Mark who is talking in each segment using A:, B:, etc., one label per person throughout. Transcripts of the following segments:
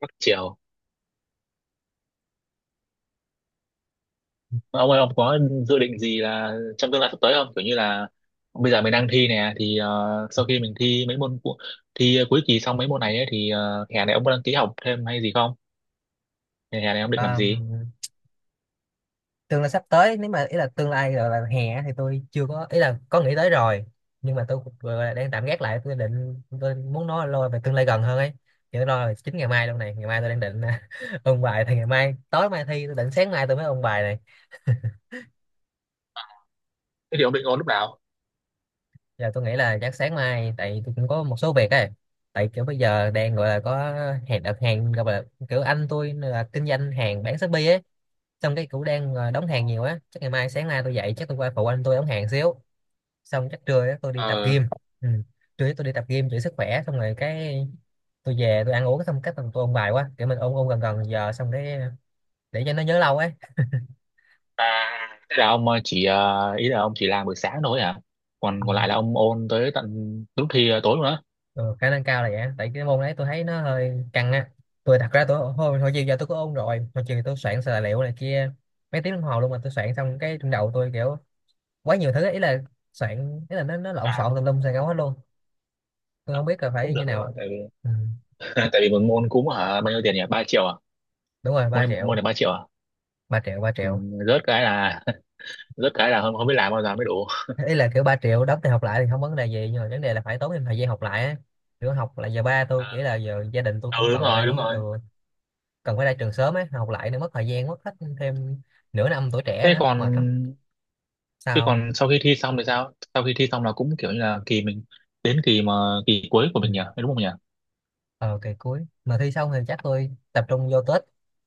A: Bắc Triều, ông ơi, ông có dự định gì là trong tương lai sắp tới không? Kiểu như là bây giờ mình đang thi nè, thì sau khi mình thi mấy môn thi cuối kỳ xong mấy môn này ấy, thì hè này ông có đăng ký học thêm hay gì không? Hè hè này ông định làm
B: Ờ,
A: gì?
B: tương lai sắp tới nếu mà ý là tương lai là hè á thì tôi chưa có ý là có nghĩ tới rồi. Nhưng mà tôi vừa là đang tạm gác lại, tôi định tôi muốn nói lo về tương lai gần hơn ấy. Thì tôi lo là chính ngày mai luôn này, ngày mai tôi đang định ôn bài. Thì ngày mai, tối mai thi, tôi định sáng mai tôi mới ôn bài này.
A: Thế thì ông định ôn lúc nào?
B: Giờ tôi nghĩ là chắc sáng mai, tại tôi cũng có một số việc ấy. Tại kiểu bây giờ đang gọi là có hàng, đặt hàng, gọi là kiểu anh tôi là kinh doanh hàng bán Shopee ấy. Xong cái cũng đang đóng hàng nhiều á, chắc ngày mai sáng nay tôi dậy chắc tôi qua phụ anh tôi đóng hàng xíu. Xong chắc trưa á, tôi đi tập
A: Ờ,
B: gym. Ừ. Trưa á tôi đi tập gym giữ sức khỏe, xong rồi cái tôi về tôi ăn uống xong cách tôi ôn bài quá, kiểu mình ôn ôn gần gần giờ xong cái để cho nó nhớ lâu ấy.
A: à, thế là ông chỉ ý là ông chỉ làm buổi sáng thôi hả? còn
B: Ừ.
A: còn lại là ông ôn tới tận lúc thi tối luôn á?
B: Ừ, khả năng cao là vậy á. Tại cái môn đấy tôi thấy nó hơi căng á. Tôi thật ra tôi hồi chiều giờ tôi có ôn rồi, hồi chiều tôi soạn tài liệu này kia mấy tiếng đồng hồ luôn, mà tôi soạn xong cái trong đầu tôi kiểu quá nhiều thứ ấy. Ý là soạn, ý là nó lộn
A: À,
B: xộn tùm lum xài ngấu hết luôn. Tôi không biết là phải
A: cũng
B: như
A: được các bạn,
B: nào.
A: tại vì
B: Ừ.
A: tại vì một môn cúm hả, bao nhiêu tiền nhỉ, ba triệu à?
B: Đúng rồi,
A: Môn
B: ba
A: này, môn
B: triệu
A: này ba triệu à?
B: ba triệu ba
A: Ừ,
B: triệu
A: rớt cái là rớt cái là không, không biết làm bao giờ mới đủ.
B: Ý là kiểu 3 triệu đóng thì học lại thì không vấn đề gì nhưng mà vấn đề là phải tốn thêm thời gian học lại á. Kiểu học là giờ ba tôi
A: À,
B: nghĩ là giờ gia đình tôi cũng
A: ừ, đúng
B: cần
A: rồi, đúng
B: phải,
A: rồi.
B: cần phải ra trường sớm ấy, học lại nữa mất thời gian, mất hết thêm nửa năm tuổi trẻ
A: thế
B: nữa
A: còn
B: mệt lắm.
A: thế
B: Sao không?
A: còn sau khi thi xong thì sao? Sau khi thi xong là cũng kiểu như là kỳ mình, đến kỳ mà kỳ cuối của
B: Ừ.
A: mình nhỉ, đúng không nhỉ?
B: ờ Kỳ cuối mà thi xong thì chắc tôi tập trung vô tết.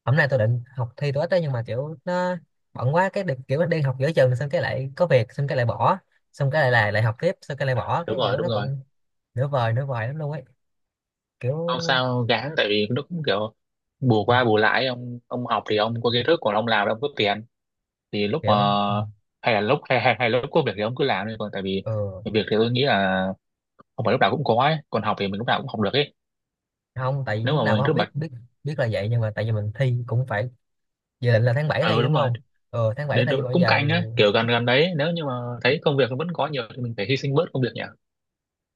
B: Hôm nay tôi định học thi tết đó nhưng mà kiểu nó bận quá, cái kiểu đi học giữa chừng xong cái lại có việc xong cái lại bỏ, xong cái lại lại lại học tiếp xong cái lại bỏ,
A: Đúng
B: cái
A: rồi,
B: kiểu
A: đúng
B: nó
A: rồi.
B: cũng nửa vời lắm luôn ấy. kiểu
A: Không sao gán, tại vì nó cũng kiểu bù qua bù lại. Ông học thì ông có kiến thức, còn ông làm thì ông có tiền. Thì lúc mà
B: kiểu Ừ.
A: hay là lúc hay là lúc có việc thì ông cứ làm đi, còn tại vì
B: Ừ.
A: việc thì tôi nghĩ là không phải lúc nào cũng có ấy, còn học thì mình lúc nào cũng học được ấy.
B: Không, tại vì
A: Nếu
B: lúc
A: mà
B: nào
A: mình
B: cũng không
A: cứ
B: biết
A: bật,
B: biết biết là vậy nhưng mà tại vì mình thi cũng phải dự định là tháng 7
A: ừ,
B: thi đúng
A: đúng rồi,
B: không. Ừ, tháng 7
A: để
B: thi mà
A: đội
B: bây
A: cung
B: giờ.
A: cạnh á, kiểu gần gần đấy, nếu như mà thấy công việc nó vẫn có nhiều thì mình phải hy sinh bớt công việc nhỉ.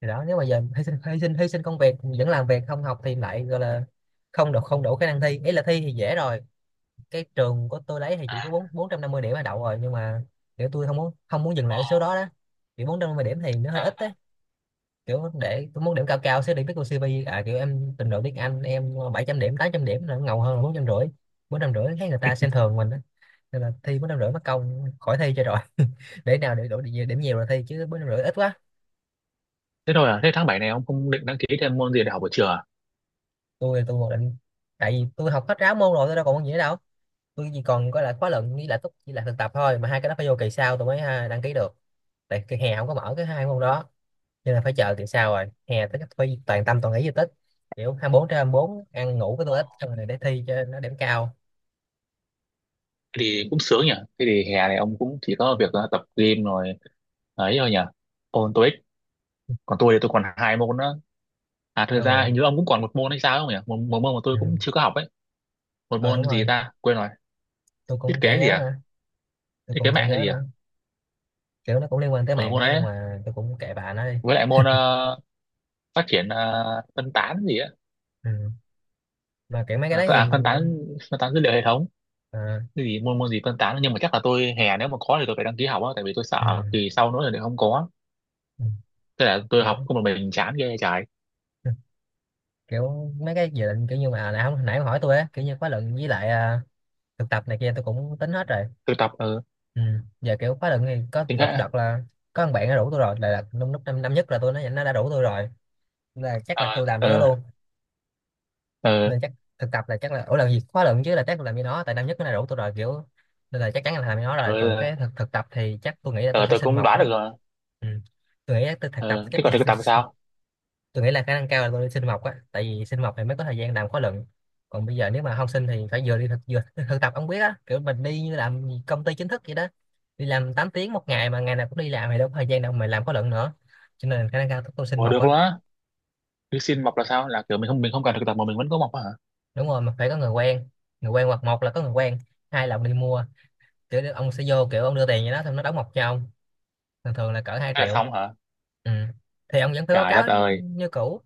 B: Thì đó nếu mà giờ hy sinh công việc vẫn làm việc không học thì lại gọi là không đủ khả năng thi. Ý là thi thì dễ rồi, cái trường của tôi lấy thì chỉ có bốn 450 điểm là đậu rồi nhưng mà kiểu tôi không muốn dừng lại
A: Ờ,
B: ở số đó đó. Kiểu 450 điểm thì nó hơi ít đấy.
A: à,
B: Kiểu để tôi muốn điểm cao cao sẽ đi viết biết cô CV à, kiểu em trình độ tiếng Anh em 700 điểm, 800 điểm là nó ngầu hơn là 450. Bốn trăm rưỡi thấy người ta xem thường mình, nên là thi 450 mất công khỏi thi cho rồi. Để nào để đổi điểm, điểm nhiều rồi thi chứ 450 ít quá.
A: thế thôi à, thế tháng 7 này ông không định đăng ký thêm môn gì để học buổi trưa à?
B: Tôi còn định, tại vì tôi học hết ráo môn rồi, tôi đâu còn môn gì nữa đâu. Tôi chỉ còn có là khóa luận với lại túc với lại thực tập thôi, mà hai cái đó phải vô kỳ sau tôi mới ha, đăng ký được. Tại kỳ hè không có mở cái hai môn đó nên là phải chờ kỳ sau rồi hè tới phải toàn tâm toàn ý di tích, kiểu 24/24 ăn ngủ với
A: Ờ.
B: tôi ít, xong rồi để thi cho nó điểm cao.
A: Thế thì cũng sướng nhỉ. Thế thì hè này ông cũng chỉ có việc tập gym rồi ấy thôi nhỉ, ôn TOEIC. Còn tôi thì tôi còn hai môn nữa. À, thật ra
B: Ờ.
A: hình như ông cũng còn một môn hay sao ấy, không nhỉ? Một môn mà
B: Ừ.
A: tôi cũng chưa có học ấy, một
B: Ờ,
A: môn
B: đúng
A: gì
B: rồi.
A: ta quên rồi.
B: Tôi
A: Thiết
B: cũng chả
A: kế gì
B: nhớ
A: à?
B: nữa. Tôi
A: Thiết kế
B: cũng chả
A: mạng hay
B: nhớ
A: gì à?
B: nữa. Kiểu nó cũng liên quan tới
A: Ừ,
B: mạng
A: môn
B: ấy
A: đấy
B: nhưng
A: ấy.
B: mà tôi cũng kệ bà nó đi.
A: Với lại môn phát triển phân tán gì á.
B: Ừ. Và kiểu mấy cái đấy thì
A: Phân tán, phân tán dữ liệu hệ thống.
B: à,
A: Cái gì, môn môn gì phân tán, nhưng mà chắc là tôi hè nếu mà có thì tôi phải đăng ký học á, tại vì tôi
B: ừ,
A: sợ kỳ sau nữa thì không có.
B: ừ,
A: Tức là tôi
B: kiểu
A: học không một mình, chán ghê trời.
B: ừ, kiểu mấy cái dự định kiểu như mà nãy nãy ông hỏi tôi á, kiểu như khóa luận với lại thực tập này kia tôi cũng tính hết rồi.
A: Tôi tập
B: Ừ. Giờ kiểu khóa luận thì có
A: tiếng
B: lật
A: hệ.
B: đật là có thằng bạn nó rủ tôi rồi là lúc lúc năm nhất là tôi nó đã rủ tôi rồi, là chắc là
A: Ờ,
B: tôi làm với nó
A: ờ,
B: luôn.
A: ờ,
B: Nên chắc thực tập là chắc là ủa là gì khóa luận chứ, là chắc là làm với nó tại năm nhất nó đã rủ tôi rồi kiểu, nên là chắc chắn là làm với nó rồi. Còn
A: ờ
B: cái thực tập thì chắc tôi nghĩ là
A: ờ,
B: tôi sẽ
A: tôi
B: xin
A: cũng
B: mộc
A: đoán
B: á.
A: được rồi.
B: Ừ. Tôi nghĩ là tôi thực tập
A: Ờ,
B: chắc
A: thế
B: tôi.
A: còn thực tập thì sao?
B: Tôi nghĩ là khả năng cao là tôi đi sinh mộc á, tại vì sinh mộc thì mới có thời gian làm khóa luận. Còn bây giờ nếu mà không sinh thì phải vừa đi thực vừa thực tập, ông biết á kiểu mình đi như làm công ty chính thức vậy đó, đi làm 8 tiếng một ngày mà ngày nào cũng đi làm thì đâu có thời gian đâu mà làm khóa luận nữa. Cho nên khả năng cao tôi sinh
A: Ủa,
B: mộc
A: được
B: á.
A: luôn á? Cứ xin mọc là sao, là kiểu mình không, mình không cần thực tập mà mình vẫn có mọc á hả?
B: Đúng rồi, mà phải có người quen. Người quen, hoặc một là có người quen, hai là ông đi mua, kiểu ông sẽ vô kiểu ông đưa tiền cho nó xong nó đóng mộc cho ông. Thường thường là cỡ hai
A: Thế là
B: triệu
A: xong hả?
B: Ừ. Thì ông vẫn phải báo
A: Trời đất
B: cáo
A: ơi.
B: như cũ,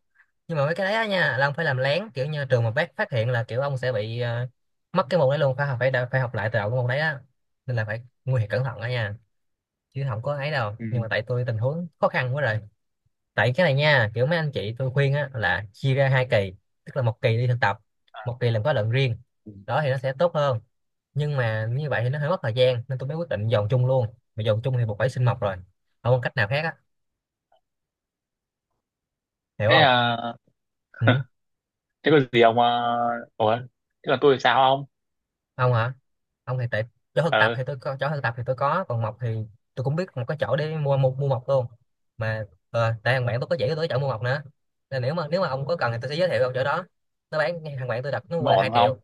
B: nhưng mà mấy cái đấy á nha là ông phải làm lén, kiểu như trường mà bác phát hiện là kiểu ông sẽ bị mất cái môn đấy luôn, phải học phải phải học lại từ đầu cái môn đấy á, nên là phải nguy hiểm cẩn thận đó nha, chứ không có ấy đâu.
A: Ừ.
B: Nhưng mà tại tôi tình huống khó khăn quá rồi. Tại cái này nha, kiểu mấy anh chị tôi khuyên á là chia ra hai kỳ, tức là một kỳ đi thực tập, một kỳ làm khóa luận riêng, đó thì nó sẽ tốt hơn. Nhưng mà như vậy thì nó hơi mất thời gian nên tôi mới quyết định dồn chung luôn, mà dồn chung thì buộc phải xin mộc rồi, không có cách nào khác á. Hiểu
A: Thế
B: không?
A: à,
B: Ừ.
A: thế có gì ông à, ủa, thế còn tôi thì sao không?
B: Ông hả? Ông thì tại chỗ thực tập
A: Ờ,
B: thì tôi có, chỗ thực tập thì tôi có, còn mộc thì tôi cũng biết một cái chỗ để mua mua, mua mộc luôn. Mà tại thằng bạn tôi có chỉ cho tôi cái chỗ mua mộc nữa, nên nếu mà ông có cần thì tôi sẽ giới thiệu ông chỗ đó. Nó bán, thằng bạn tôi đặt nó
A: nhưng
B: mua
A: mà
B: là
A: ổn
B: 2 triệu.
A: không?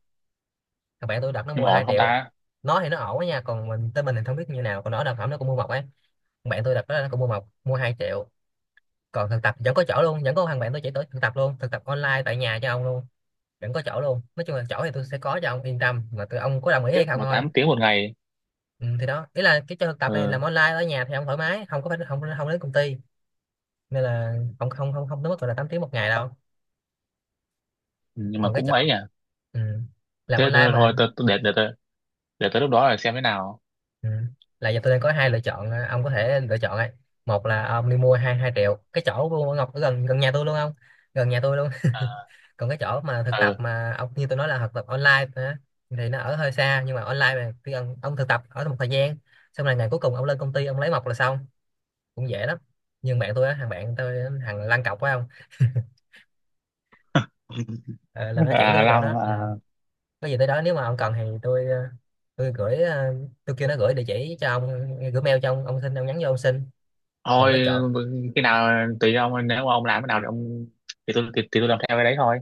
B: Thằng bạn tôi đặt nó
A: Nhưng
B: mua
A: mà
B: là
A: ổn
B: hai
A: không
B: triệu.
A: ta?
B: Nó thì nó ổn đó nha, còn mình tên mình thì không biết như nào, còn nó đặt phẩm nó cũng mua mộc ấy. Thằng bạn tôi đặt đó nó cũng mua mộc, mua 2 triệu. Còn thực tập vẫn có chỗ luôn, vẫn có thằng bạn tôi chỉ tới thực tập luôn, thực tập online tại nhà cho ông luôn, vẫn có chỗ luôn. Nói chung là chỗ thì tôi sẽ có cho ông yên tâm, mà tôi ông có đồng ý
A: Tiếp
B: hay không
A: mà
B: thôi.
A: 8 tiếng một ngày?
B: Ừ, thì đó ý là cái cho thực tập
A: Ờ,
B: này làm online ở nhà thì ông thoải mái, không có phải không không đến công ty nên là không không không không tới mức gọi là 8 tiếng một ngày đâu.
A: nhưng mà
B: Còn cái
A: cũng ấy
B: chọn.
A: nhỉ.
B: Ừ. Làm
A: Thế
B: online
A: thôi
B: mà
A: thôi,
B: anh.
A: để tôi, để tới lúc đó là xem thế nào.
B: Ừ. Là giờ tôi đang có hai lựa chọn à, ông có thể lựa chọn ấy. Một là à, ông đi mua hai hai triệu cái chỗ của Ngọc ở gần gần nhà tôi luôn không, gần nhà tôi luôn.
A: À,
B: Còn cái chỗ mà thực tập
A: ừ,
B: mà ông như tôi nói là thực tập online á, thì nó ở hơi xa nhưng mà online mà khi ông thực tập ở một thời gian xong là ngày cuối cùng ông lên công ty ông lấy mộc là xong, cũng dễ lắm. Nhưng bạn tôi á, thằng bạn tôi á, thằng lăn cọc phải không. Ờ, là nó chỉ
A: à,
B: tôi cái chỗ
A: Long,
B: đó. Ừ.
A: à,
B: Có gì tới đó nếu mà ông cần thì tôi gửi ờ, tôi kêu nó gửi địa chỉ cho ông, gửi mail cho ông xin, ông nhắn vô ông xin. Còn
A: thôi,
B: cái chỗ,
A: khi nào tùy ông, nếu mà ông làm cái nào thì ông, thì tôi thì tôi làm theo cái đấy thôi.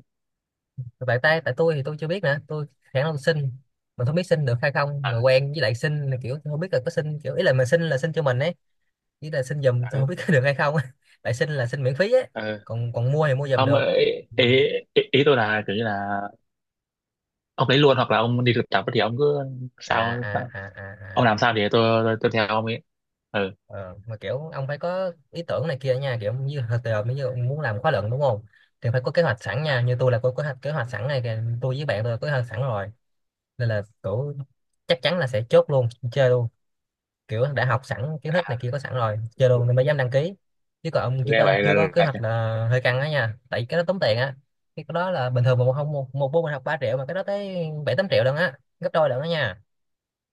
B: tại tôi thì tôi chưa biết nữa, tôi khả năng xin mà không biết xin được hay không,
A: À,
B: người quen với lại xin là kiểu tôi không biết là có xin, kiểu ý là mình xin là xin cho mình ấy, ý là xin giùm tôi không
A: ừ,
B: biết có được hay không á. Tại xin là xin miễn phí ấy,
A: ừ.
B: còn còn mua thì mua giùm
A: Không,
B: được. Ừ.
A: ý, ý tôi là kiểu như là ông lấy luôn, hoặc là ông đi thực tập thì ông cứ,
B: À à
A: sao
B: à à
A: ông làm
B: à.
A: sao thì tôi theo ông ấy. Ừ,
B: Ờ, mà kiểu ông phải có ý tưởng này kia nha, kiểu như hồi giờ bây giờ ông muốn làm khóa luận đúng không, thì phải có kế hoạch sẵn nha. Như tôi là có kế hoạch sẵn này kìa, tôi với bạn tôi có kế hoạch sẵn rồi, nên là kiểu chắc chắn là sẽ chốt luôn chơi luôn, kiểu đã học sẵn kiến thức này kia có sẵn rồi chơi luôn nên mới dám đăng ký. Chứ còn ông
A: nghe vậy là
B: chưa có kế
A: là
B: hoạch là hơi căng á nha, tại vì cái đó tốn tiền á. Cái đó là bình thường mà một không một một môn mình học 3 triệu mà cái đó tới bảy tám triệu lần á, gấp đôi lần đó nha,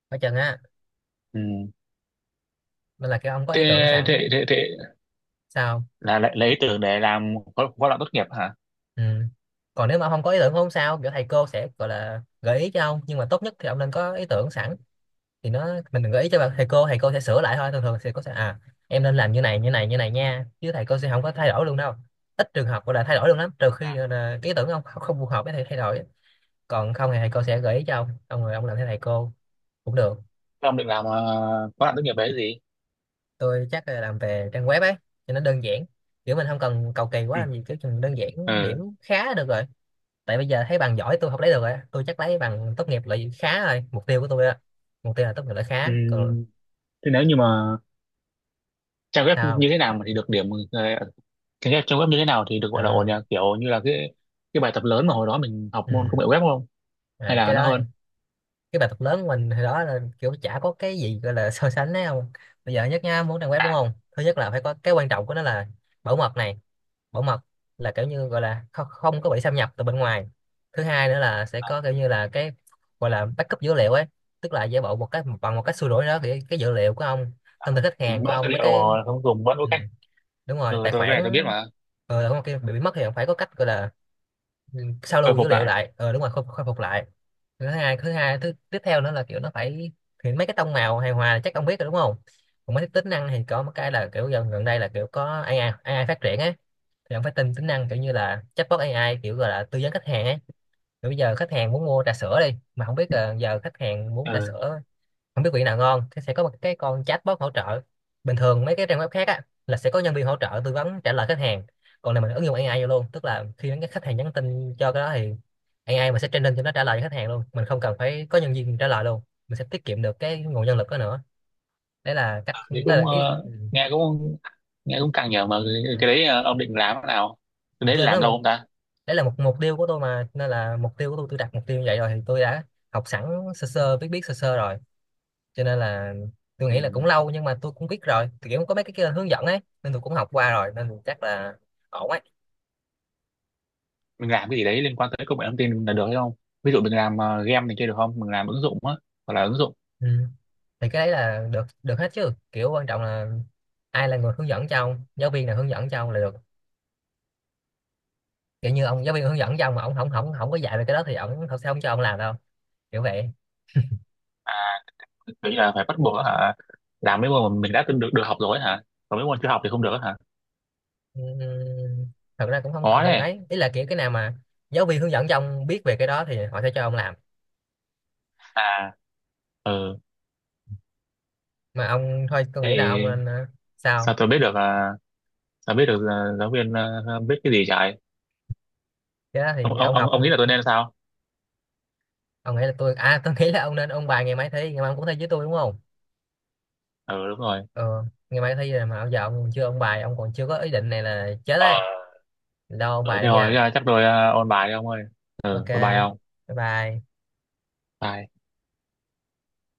B: phải chừng á.
A: ừ.
B: Nên là cái ông có ý tưởng
A: thế,
B: sẵn.
A: Thế
B: Sao.
A: là lấy ý tưởng để làm khóa khóa luận tốt nghiệp hả?
B: Ừ. Còn nếu mà ông không có ý tưởng không sao, kiểu thầy cô sẽ gọi là gợi ý cho ông, nhưng mà tốt nhất thì ông nên có ý tưởng sẵn thì nó, mình đừng gợi ý cho thầy cô, thầy cô sẽ sửa lại thôi. Thường thường thầy cô sẽ à, em nên làm như này như này như này nha, chứ thầy cô sẽ không có thay đổi luôn đâu, ít trường hợp gọi là thay đổi luôn lắm, trừ khi gọi là ý tưởng ông không phù hợp với thầy thay đổi. Còn không thì thầy cô sẽ gợi ý cho ông, rồi ông làm theo thầy cô cũng được.
A: Thế ông định làm khóa luận tốt nghiệp đấy gì?
B: Tôi chắc là làm về trang web ấy cho nó đơn giản, kiểu mình không cần cầu kỳ quá
A: Ừ.
B: làm gì, kiểu chừng đơn giản điểm
A: Ừ.
B: khá là được rồi. Tại bây giờ thấy bằng giỏi tôi không lấy được rồi á. Tôi chắc lấy bằng tốt nghiệp loại khá thôi, mục tiêu của tôi á, mục tiêu là tốt nghiệp loại
A: Ừ,
B: khá còn.
A: thế nếu như mà trang web
B: Sao
A: như
B: không?
A: thế nào mà thì được điểm? ờ, cái trang web như thế nào thì được gọi là ổn
B: À,
A: nhỉ? Kiểu như là cái bài tập lớn mà hồi đó mình học môn
B: ừ.
A: công nghệ web không, hay
B: À,
A: là
B: cái
A: nó
B: đó thì,
A: hơn?
B: cái bài tập lớn của mình hồi đó là kiểu chả có cái gì gọi là so sánh đấy không. Bây giờ nhất nha, muốn trang web đúng
A: À,
B: không, thứ nhất là phải có cái quan trọng của nó là bảo mật này, bảo mật, là kiểu như gọi là không có bị xâm nhập từ bên ngoài. Thứ hai nữa là sẽ có kiểu như là cái gọi là backup dữ liệu ấy, tức là giả bộ một cái bằng một cách xua đuổi đó thì cái dữ liệu của ông, thông tin khách
A: cũng
B: hàng của
A: có tư
B: ông mấy
A: liệu
B: cái.
A: mà không dùng vẫn có
B: Ừ,
A: cách.
B: đúng
A: Ừ,
B: rồi, tài
A: tôi cái này tôi biết
B: khoản.
A: mà.
B: Ờ ừ, không kia bị mất thì ông phải có cách gọi là, ừ, sao
A: Khôi
B: lưu dữ
A: phục
B: liệu
A: lại.
B: lại, ờ đúng rồi, khôi phục lại. Thứ tiếp theo nữa là kiểu nó phải, thì mấy cái tông màu hài hòa là chắc ông biết rồi đúng không. Còn mấy cái tính năng thì có một cái là kiểu gần gần đây là kiểu có AI AI phát triển á, thì ông phải tin tính năng kiểu như là chatbot AI kiểu gọi là tư vấn khách hàng ấy. Kiểu bây giờ khách hàng muốn mua trà sữa đi mà không biết là giờ khách hàng muốn trà
A: Ừ,
B: sữa, không biết vị nào ngon thì sẽ có một cái con chatbot hỗ trợ. Bình thường mấy cái trang web khác á là sẽ có nhân viên hỗ trợ tư vấn trả lời khách hàng, còn này mình ứng dụng AI vô luôn, tức là khi cái khách hàng nhắn tin cho cái đó thì AI mình sẽ training cho nó trả lời cho khách hàng luôn, mình không cần phải có nhân viên trả lời luôn, mình sẽ tiết kiệm được cái nguồn nhân lực đó nữa. Đấy là cách,
A: thì
B: đó
A: cũng
B: là ý. Ừ.
A: nghe cũng, nghe cũng căng nhở, mà
B: Ừ.
A: cái đấy ông định làm thế nào? Cái
B: tôi
A: đấy
B: đang
A: làm
B: nói
A: lâu
B: một-
A: không ta?
B: Đấy là một mục tiêu của tôi mà, nên là mục tiêu của tôi đặt mục tiêu như vậy rồi thì tôi đã học sẵn, sơ sơ biết biết sơ sơ rồi, cho nên là tôi
A: Ừ.
B: nghĩ là cũng lâu nhưng mà tôi cũng biết rồi, thì kiểu có mấy cái kia hướng dẫn ấy nên tôi cũng học qua rồi nên tôi chắc là ổn ấy.
A: Mình làm cái gì đấy liên quan tới công nghệ thông tin là được hay không? Ví dụ mình làm game này kia được không, mình làm ứng dụng á, hoặc là ứng dụng
B: Ừ. Thì cái đấy là được được hết chứ, kiểu quan trọng là ai là người hướng dẫn cho ông, giáo viên nào hướng dẫn cho ông là được, kiểu như ông giáo viên hướng dẫn cho ông mà ông không không không có dạy về cái đó thì ông thật sao ông cho ông làm đâu, kiểu vậy.
A: kiểu như là phải bắt buộc á hả? Làm mấy môn mà mình đã từng được được học rồi á hả, còn mấy môn chưa học thì không được á hả?
B: Ừm, thật ra cũng không
A: Khó
B: không
A: đấy.
B: ấy, ý là kiểu cái nào mà giáo viên hướng dẫn cho ông biết về cái đó thì họ sẽ cho ông làm.
A: À, ừ,
B: Mà ông thôi tôi
A: thế
B: nghĩ là ông
A: thì
B: nên ờ, sao,
A: sao tôi biết được, à, sao biết được, à, giáo viên à, biết cái gì trời.
B: cái đó
A: ông
B: thì
A: ông
B: ông
A: ông
B: học.
A: ông nghĩ là tôi nên sao?
B: Ông nghĩ là tôi à, tôi nghĩ là ông nên ôn bài, ngày mai thi, ngày mai ông cũng thi với tôi đúng không.
A: Ừ, đúng rồi.
B: Ờ, ngày mai thi rồi mà bây giờ ông còn chưa ôn bài, ông còn chưa có ý định này là chết
A: Ờ,
B: đấy. Đâu, ôn
A: ừ,
B: bài
A: thế
B: đây
A: thôi
B: nha.
A: à, chắc tôi à, ôn bài đi ông ơi.
B: Ok,
A: Ừ, bye bye ông.
B: bye bye.
A: Bye.